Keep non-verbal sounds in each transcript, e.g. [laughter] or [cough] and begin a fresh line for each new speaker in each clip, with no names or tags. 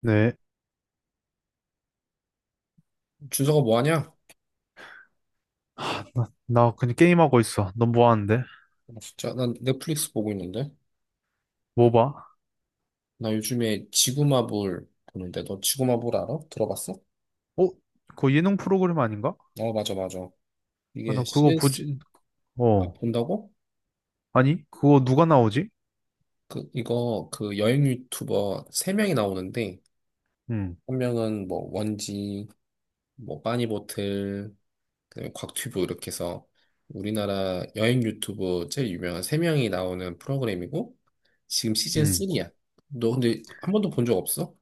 네.
준서가 뭐 하냐?
나 그냥 게임하고 있어. 넌 뭐 하는데?
진짜 난 넷플릭스 보고 있는데.
뭐 봐?
나 요즘에 지구마블 보는데 너 지구마블 알아? 들어봤어?
어? 그거 예능 프로그램 아닌가?
어, 맞아, 맞아.
아,
이게
나 그거
시즌 쓰
보지,
아,
어.
본다고?
아니? 그거 누가 나오지?
그 이거 그 여행 유튜버 세 명이 나오는데
응,
한 명은 뭐 원지, 뭐 빠니보틀, 그다음에 곽튜브 이렇게 해서 우리나라 여행 유튜브 제일 유명한 세 명이 나오는 프로그램이고 지금 시즌
응.
3야. 너 근데 한 번도 본 적 없어?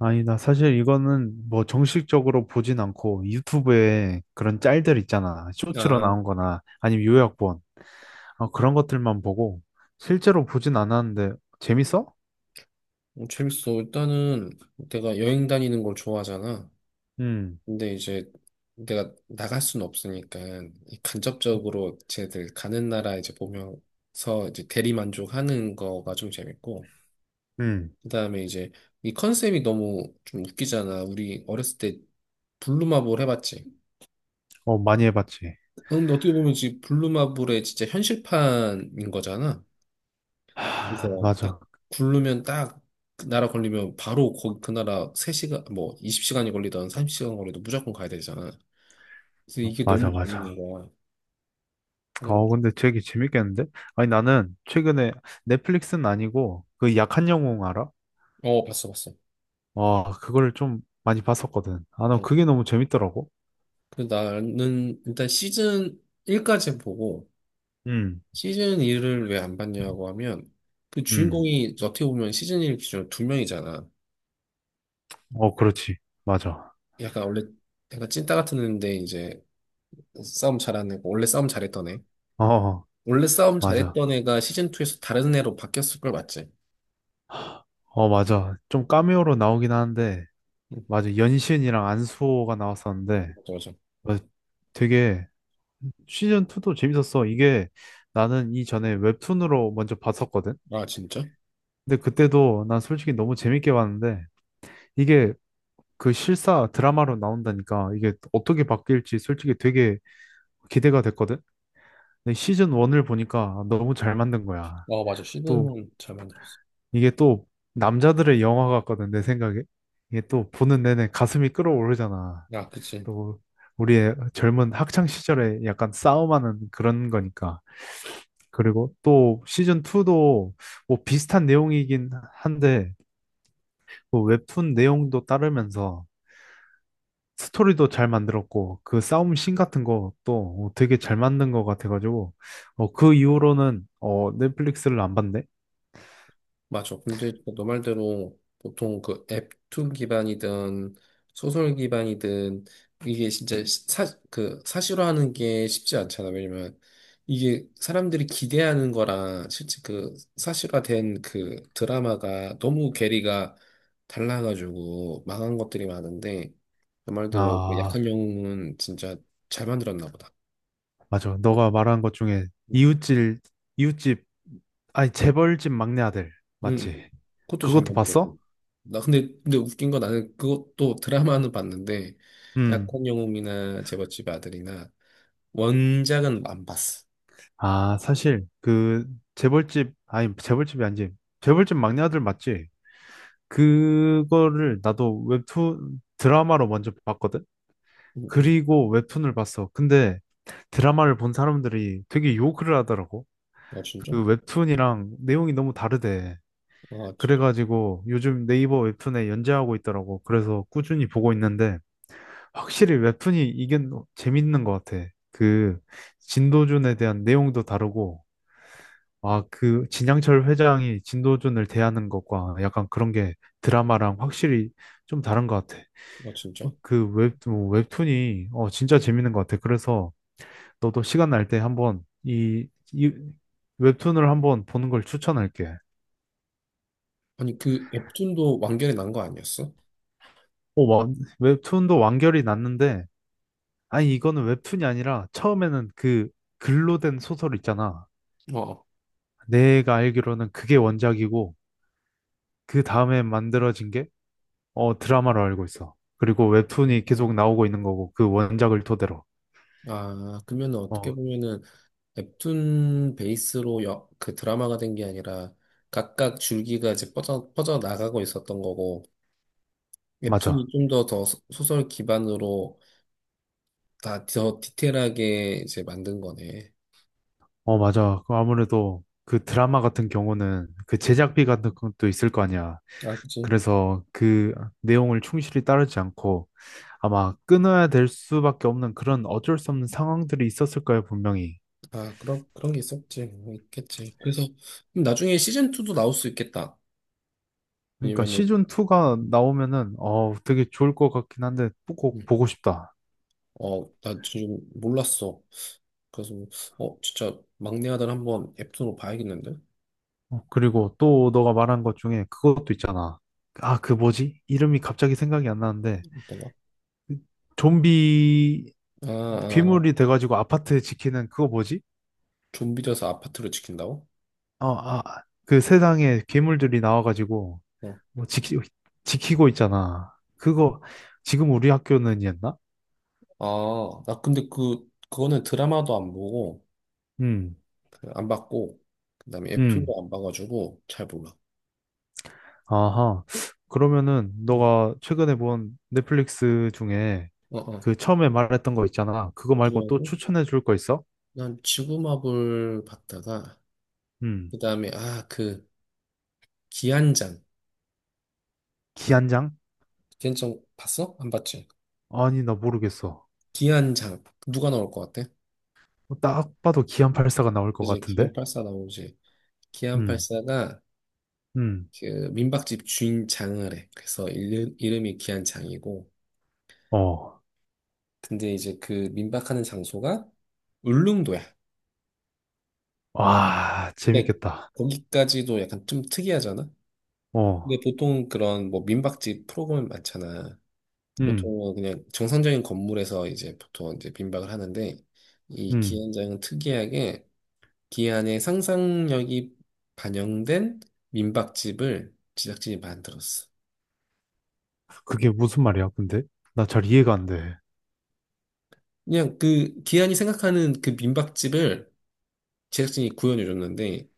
아니, 나 사실 이거는 뭐 정식적으로 보진 않고 유튜브에 그런 짤들 있잖아. 쇼츠로
아,
나온 거나 아니면 요약본. 아, 그런 것들만 보고 실제로 보진 않았는데 재밌어?
어, 재밌어. 일단은 내가 여행 다니는 걸 좋아하잖아.
응,
근데 이제 내가 나갈 수는 없으니까 이 간접적으로 쟤들 가는 나라 이제 보면서 이제 대리만족하는 거가 좀 재밌고,
응.
그다음에 이제 이 컨셉이 너무 좀 웃기잖아. 우리 어렸을 때 블루마블 해봤지.
어, 많이 해봤지.
근데 어떻게 보면 지금 블루마블의 진짜 현실판인 거잖아.
하,
그래서 딱
맞아.
굴르면 딱그 나라 걸리면 바로 거기 그 나라 세 시간 뭐 20시간이 걸리든 30시간 걸리든 무조건 가야 되잖아. 그래서
어,
이게 너무
맞아, 맞아.
재밌는 거야. 그냥.
어, 근데 되게 재밌겠는데? 아니, 나는 최근에 넷플릭스는 아니고 그 약한 영웅 알아?
어, 봤어 봤어.
와, 그거를 좀 많이 봤었거든. 아, 나
어.
그게 너무 재밌더라고.
그 나는 일단 시즌 1까지 보고
음,
시즌 2를 왜 안 봤냐고 하면, 그
음.
주인공이 어떻게 보면 시즌 1 기준으로 두 명이잖아.
어, 그렇지. 맞아.
약간 원래 약간 찐따 같은 애인데 이제 싸움 잘하는 애고, 원래 싸움 잘했던 애.
어,
원래 싸움
맞아.
잘했던 애가 시즌 2에서 다른 애로 바뀌었을 걸, 맞지?
어, 맞아. 좀 카메오로 나오긴 하는데, 맞아. 연신이랑 안수호가 나왔었는데,
맞아, 맞아.
맞아. 되게 시즌 2도 재밌었어. 이게 나는 이전에 웹툰으로 먼저 봤었거든.
아, 진짜?
근데 그때도 난 솔직히 너무 재밌게 봤는데, 이게 그 실사 드라마로 나온다니까 이게 어떻게 바뀔지 솔직히 되게 기대가 됐거든. 근데 시즌 1을 보니까 너무 잘 만든 거야.
어, 맞아.
또
시드는 잘 만들었어.
이게 또 남자들의 영화 같거든 내 생각에. 이게 또 보는 내내 가슴이 끓어오르잖아.
아, 그치.
또 우리의 젊은 학창 시절에 약간 싸움하는 그런 거니까. 그리고 또 시즌 2도 뭐 비슷한 내용이긴 한데 뭐 웹툰 내용도 따르면서 스토리도 잘 만들었고 그 싸움 씬 같은 것도 어, 되게 잘 만든 것 같아가지고 어, 그 이후로는 어, 넷플릭스를 안 봤네.
맞아. 근데 너 말대로 보통 그 앱2 기반이든 소설 기반이든, 이게 진짜 그 사실화하는 게 쉽지 않잖아. 왜냐면 이게 사람들이 기대하는 거랑 실제 그 사실화된 그 드라마가 너무 괴리가 달라가지고 망한 것들이 많은데, 너 말대로 그
아
약한 영웅은 진짜 잘 만들었나 보다.
맞아. 너가 말한 것 중에
응.
이웃집 이웃집 아니 재벌집 막내 아들
응,
맞지?
그것도 잘
그것도
만들었고.
봤어?
나 근데 웃긴 건, 나는 그것도 드라마는 봤는데
음.
약혼 영웅이나 제멋집 아들이나 원작은 안 봤어.
아 사실 그 재벌집 아니 재벌집이 아니지 재벌집 막내 아들 맞지? 그거를 나도 웹툰 드라마로 먼저 봤거든.
응. 음.
그리고 웹툰을 봤어. 근데 드라마를 본 사람들이 되게 욕을 하더라고.
아, 진짜?
그 웹툰이랑 내용이 너무 다르대.
아,
그래가지고 요즘 네이버 웹툰에 연재하고 있더라고. 그래서 꾸준히 보고 있는데 확실히 웹툰이 이게 너- 재밌는 것 같아. 그 진도준에 대한 내용도 다르고 아, 그 진양철 회장이 진도준을 대하는 것과 약간 그런 게 드라마랑 확실히 좀 다른 것 같아.
아,
어,
진짜?
그 웹, 뭐 웹툰이 어, 진짜 재밌는 것 같아. 그래서 너도 시간 날 때 한번 이 웹툰을 한번 보는 걸 추천할게.
아니, 그 웹툰도 완결이 난 거 아니었어?
어, 와, 웹툰도 완결이 났는데, 아니, 이거는 웹툰이 아니라 처음에는 그 글로 된 소설 있잖아.
어.
내가 알기로는 그게 원작이고, 그 다음에 만들어진 게 어, 드라마로 알고 있어. 그리고 웹툰이 계속
음.
나오고 있는 거고, 그 원작을 토대로.
아, 그러면 어떻게
어,
보면은 웹툰 베이스로 그 드라마가 된 게 아니라 각각 줄기가 이제 뻗어 뻗어 나가고 있었던 거고, 웹툰이
맞아.
좀 더 더 소설 기반으로 다 더 디테일하게 이제 만든 거네.
어, 맞아. 그 아무래도 그 드라마 같은 경우는 그 제작비 같은 것도 있을 거 아니야.
아, 그치.
그래서 그 내용을 충실히 따르지 않고 아마 끊어야 될 수밖에 없는 그런 어쩔 수 없는 상황들이 있었을 거예요, 분명히.
아, 그런 게 있었지. 뭐 있겠지. 그래서 그럼 나중에 시즌2도 나올 수 있겠다.
그러니까
왜냐면은,
시즌 2가
음,
나오면은 어 되게 좋을 것 같긴 한데 꼭
음.
보고 싶다.
어, 나 지금 몰랐어. 그래서 어, 진짜 막내 아들 한번 앱으로 봐야겠는데?
어, 그리고 또 너가 말한 것 중에 그것도 있잖아. 아, 그 뭐지? 이름이 갑자기 생각이 안 나는데
어떤가?
좀비
아, 아,
괴물이 돼가지고 아파트 지키는 그거 뭐지?
좀비 돼서 아파트를 지킨다고?
어, 아, 그 세상에 괴물들이 나와가지고
어.
뭐 지키, 지키고 있잖아. 그거 지금 우리 학교는이었나?
아, 나 근데 그거는 드라마도 안 보고,
음,
그안 봤고, 그 다음에
음.
앱툰도 안 봐가지고 잘 몰라.
아하. 그러면은
응.
너가 최근에 본 넷플릭스 중에
어, 어.
그 처음에 말했던 거 있잖아. 그거 말고 또
지금
추천해 줄 거 있어?
난 지구마블 봤다가
음.
그다음에, 아, 그 기안장.
기안장?
걔는 좀 봤어? 안 봤지?
아니, 나 모르겠어.
기안장 누가 나올 것 같아?
딱 봐도 기안84가 나올 것
그지,
같은데?
기안 84 나오지. 기안
음,
84가
음.
그 민박집 주인장을 해. 그래서 이름이 기안장이고,
어.
근데 이제 그 민박하는 장소가 울릉도야.
와,
근데
재밌겠다.
거기까지도 약간 좀 특이하잖아. 근데
어.
보통 그런 뭐 민박집 프로그램 많잖아.
음,
보통은 그냥 정상적인 건물에서 이제 보통 이제 빈박을 하는데, 이
음.
기안장은 특이하게 기안의 상상력이 반영된 민박집을 제작진이 만들었어.
그게 무슨 말이야, 근데? 나 잘 이해가 안 돼.
그냥 그 기안이 생각하는 그 민박집을 제작진이 구현해 줬는데,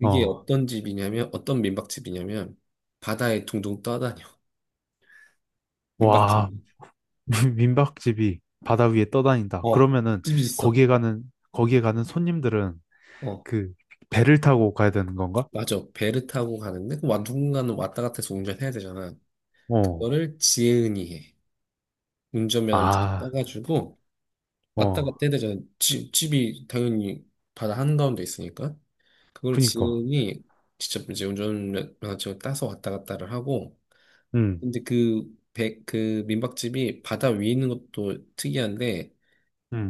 이게
어.
어떤 집이냐면, 어떤 민박집이냐면 바다에 둥둥 떠다녀. [laughs] 민박집.
와, [laughs] 민박집이 바다 위에 떠다닌다.
어.
그러면은
집이 있어.
거기에 가는 손님들은
어.
그 배를 타고 가야 되는 건가?
맞아. 배를 타고 가는데, 와, 누군가는 왔다 갔다 해서 운전해야 되잖아.
어.
그거를 지혜은이 해. 운전면허를 직접
아,
따가지고 왔다 갔다
어.
해야 되잖아. 집이 당연히 바다 한가운데 있으니까. 그걸
그니까.
지인이 직접 이제 운전면허증을 따서 왔다 갔다를 하고,
음.
근데 그 민박집이 바다 위에 있는 것도 특이한데,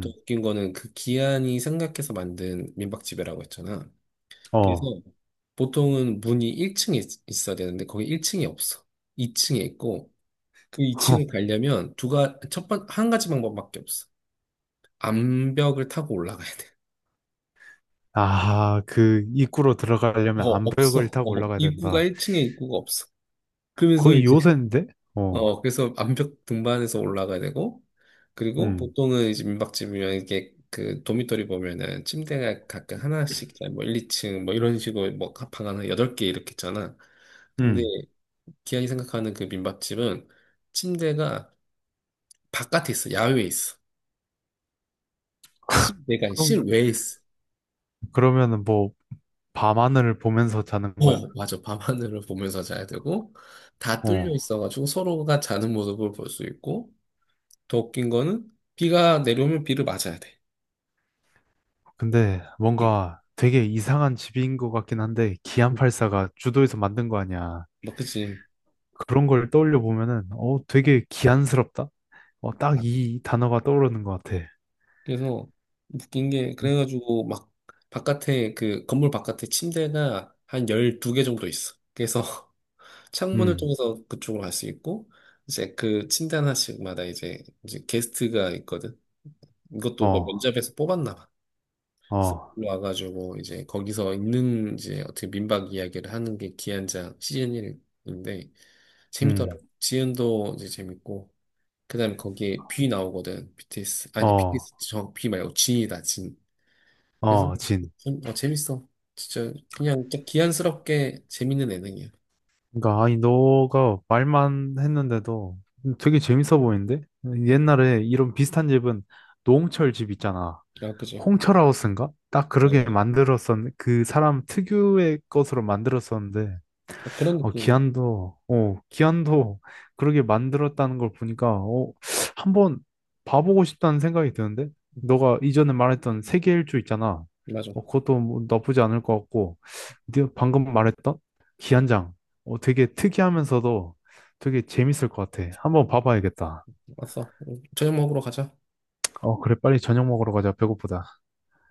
또 웃긴 거는 그 기한이 생각해서 만든 민박집이라고 했잖아. 그래서
어.
보통은 문이 1층에 있어야 되는데 거기 1층이 없어. 2층에 있고, 그 2층을
[laughs]
가려면 두 가, 첫 번, 한 가지 방법밖에 없어. 암벽을 타고 올라가야 돼.
아, 그 입구로 들어가려면
어,
암벽을
없어.
타고
어,
올라가야
입구가
된다.
1층에 입구가 없어. 그래서
거의
이제,
요새인데? 어.
어, 그래서 암벽 등반해서 올라가야 되고, 그리고
음.
보통은 이제 민박집이면 이게 그 도미토리 보면은 침대가 각각 하나씩, 뭐 1, 2층 뭐 이런 식으로 뭐 방 하나 8개 이렇게 있잖아. 근데
음.
기왕이 생각하는 그 민박집은 침대가 바깥에 있어. 야외에 있어. 실내가 아니라
그럼
실외에 있어.
그러면은 뭐 밤하늘을 보면서 자는 거야?
어, 맞아. 밤하늘을 보면서 자야 되고, 다 뚫려
어.
있어가지고 서로가 자는 모습을 볼 수 있고, 더 웃긴 거는 비가 내려오면 비를 맞아야 돼.
근데
응.
뭔가 되게 이상한 집인 것 같긴 한데 기안
응.
팔사가 주도해서 만든 거 아니야.
막, 그치.
그런 걸 떠올려 보면은 어 되게 기안스럽다. 어 딱
맞아.
이 단어가 떠오르는 것 같아.
그래서 웃긴 게,
음,
그래가지고 막 그 건물 바깥에 침대가 한 12개 정도 있어. 그래서 [laughs] 창문을
음,
통해서 그쪽으로 갈 수 있고, 이제 그 침대 하나씩마다 이제 게스트가 있거든. 이것도 뭐
어,
면접에서 뽑았나 봐. 그래서
어,
와가지고 이제 거기서 있는 이제 어떻게 민박 이야기를 하는 게 기한장 시즌 1인데
음,
재밌더라고. 지은도 이제 재밌고, 그다음에 거기에 뷔 나오거든. BTS. 아니,
어,
BTS 저뷔 말고 진이다 진. 그래서
어, 진.
좀, 어, 재밌어. 진짜 그냥 딱 기한스럽게 재밌는 예능이야.
그러니까 아니 너가 말만 했는데도 되게 재밌어 보이는데? 옛날에 이런 비슷한 집은 노홍철 집 있잖아.
아, 그지?
홍철하우스인가? 딱
맞아,
그러게
맞아.
그 사람 특유의 것으로 만들었었는데,
딱 그런
어,
느낌이야.
기안도, 어, 기안도 [laughs] 그렇게 만들었다는 걸 보니까, 어, 한번 봐보고 싶다는 생각이 드는데?
응,
너가 이전에 말했던 세계 일주 있잖아.
맞아.
어, 그것도 뭐 나쁘지 않을 것 같고, 네가 방금 말했던 기안장, 어, 되게 특이하면서도 되게 재밌을 것 같아. 한번 봐봐야겠다.
왔어. 응, 저녁 먹으러 가자.
어, 그래, 빨리 저녁 먹으러 가자. 배고프다.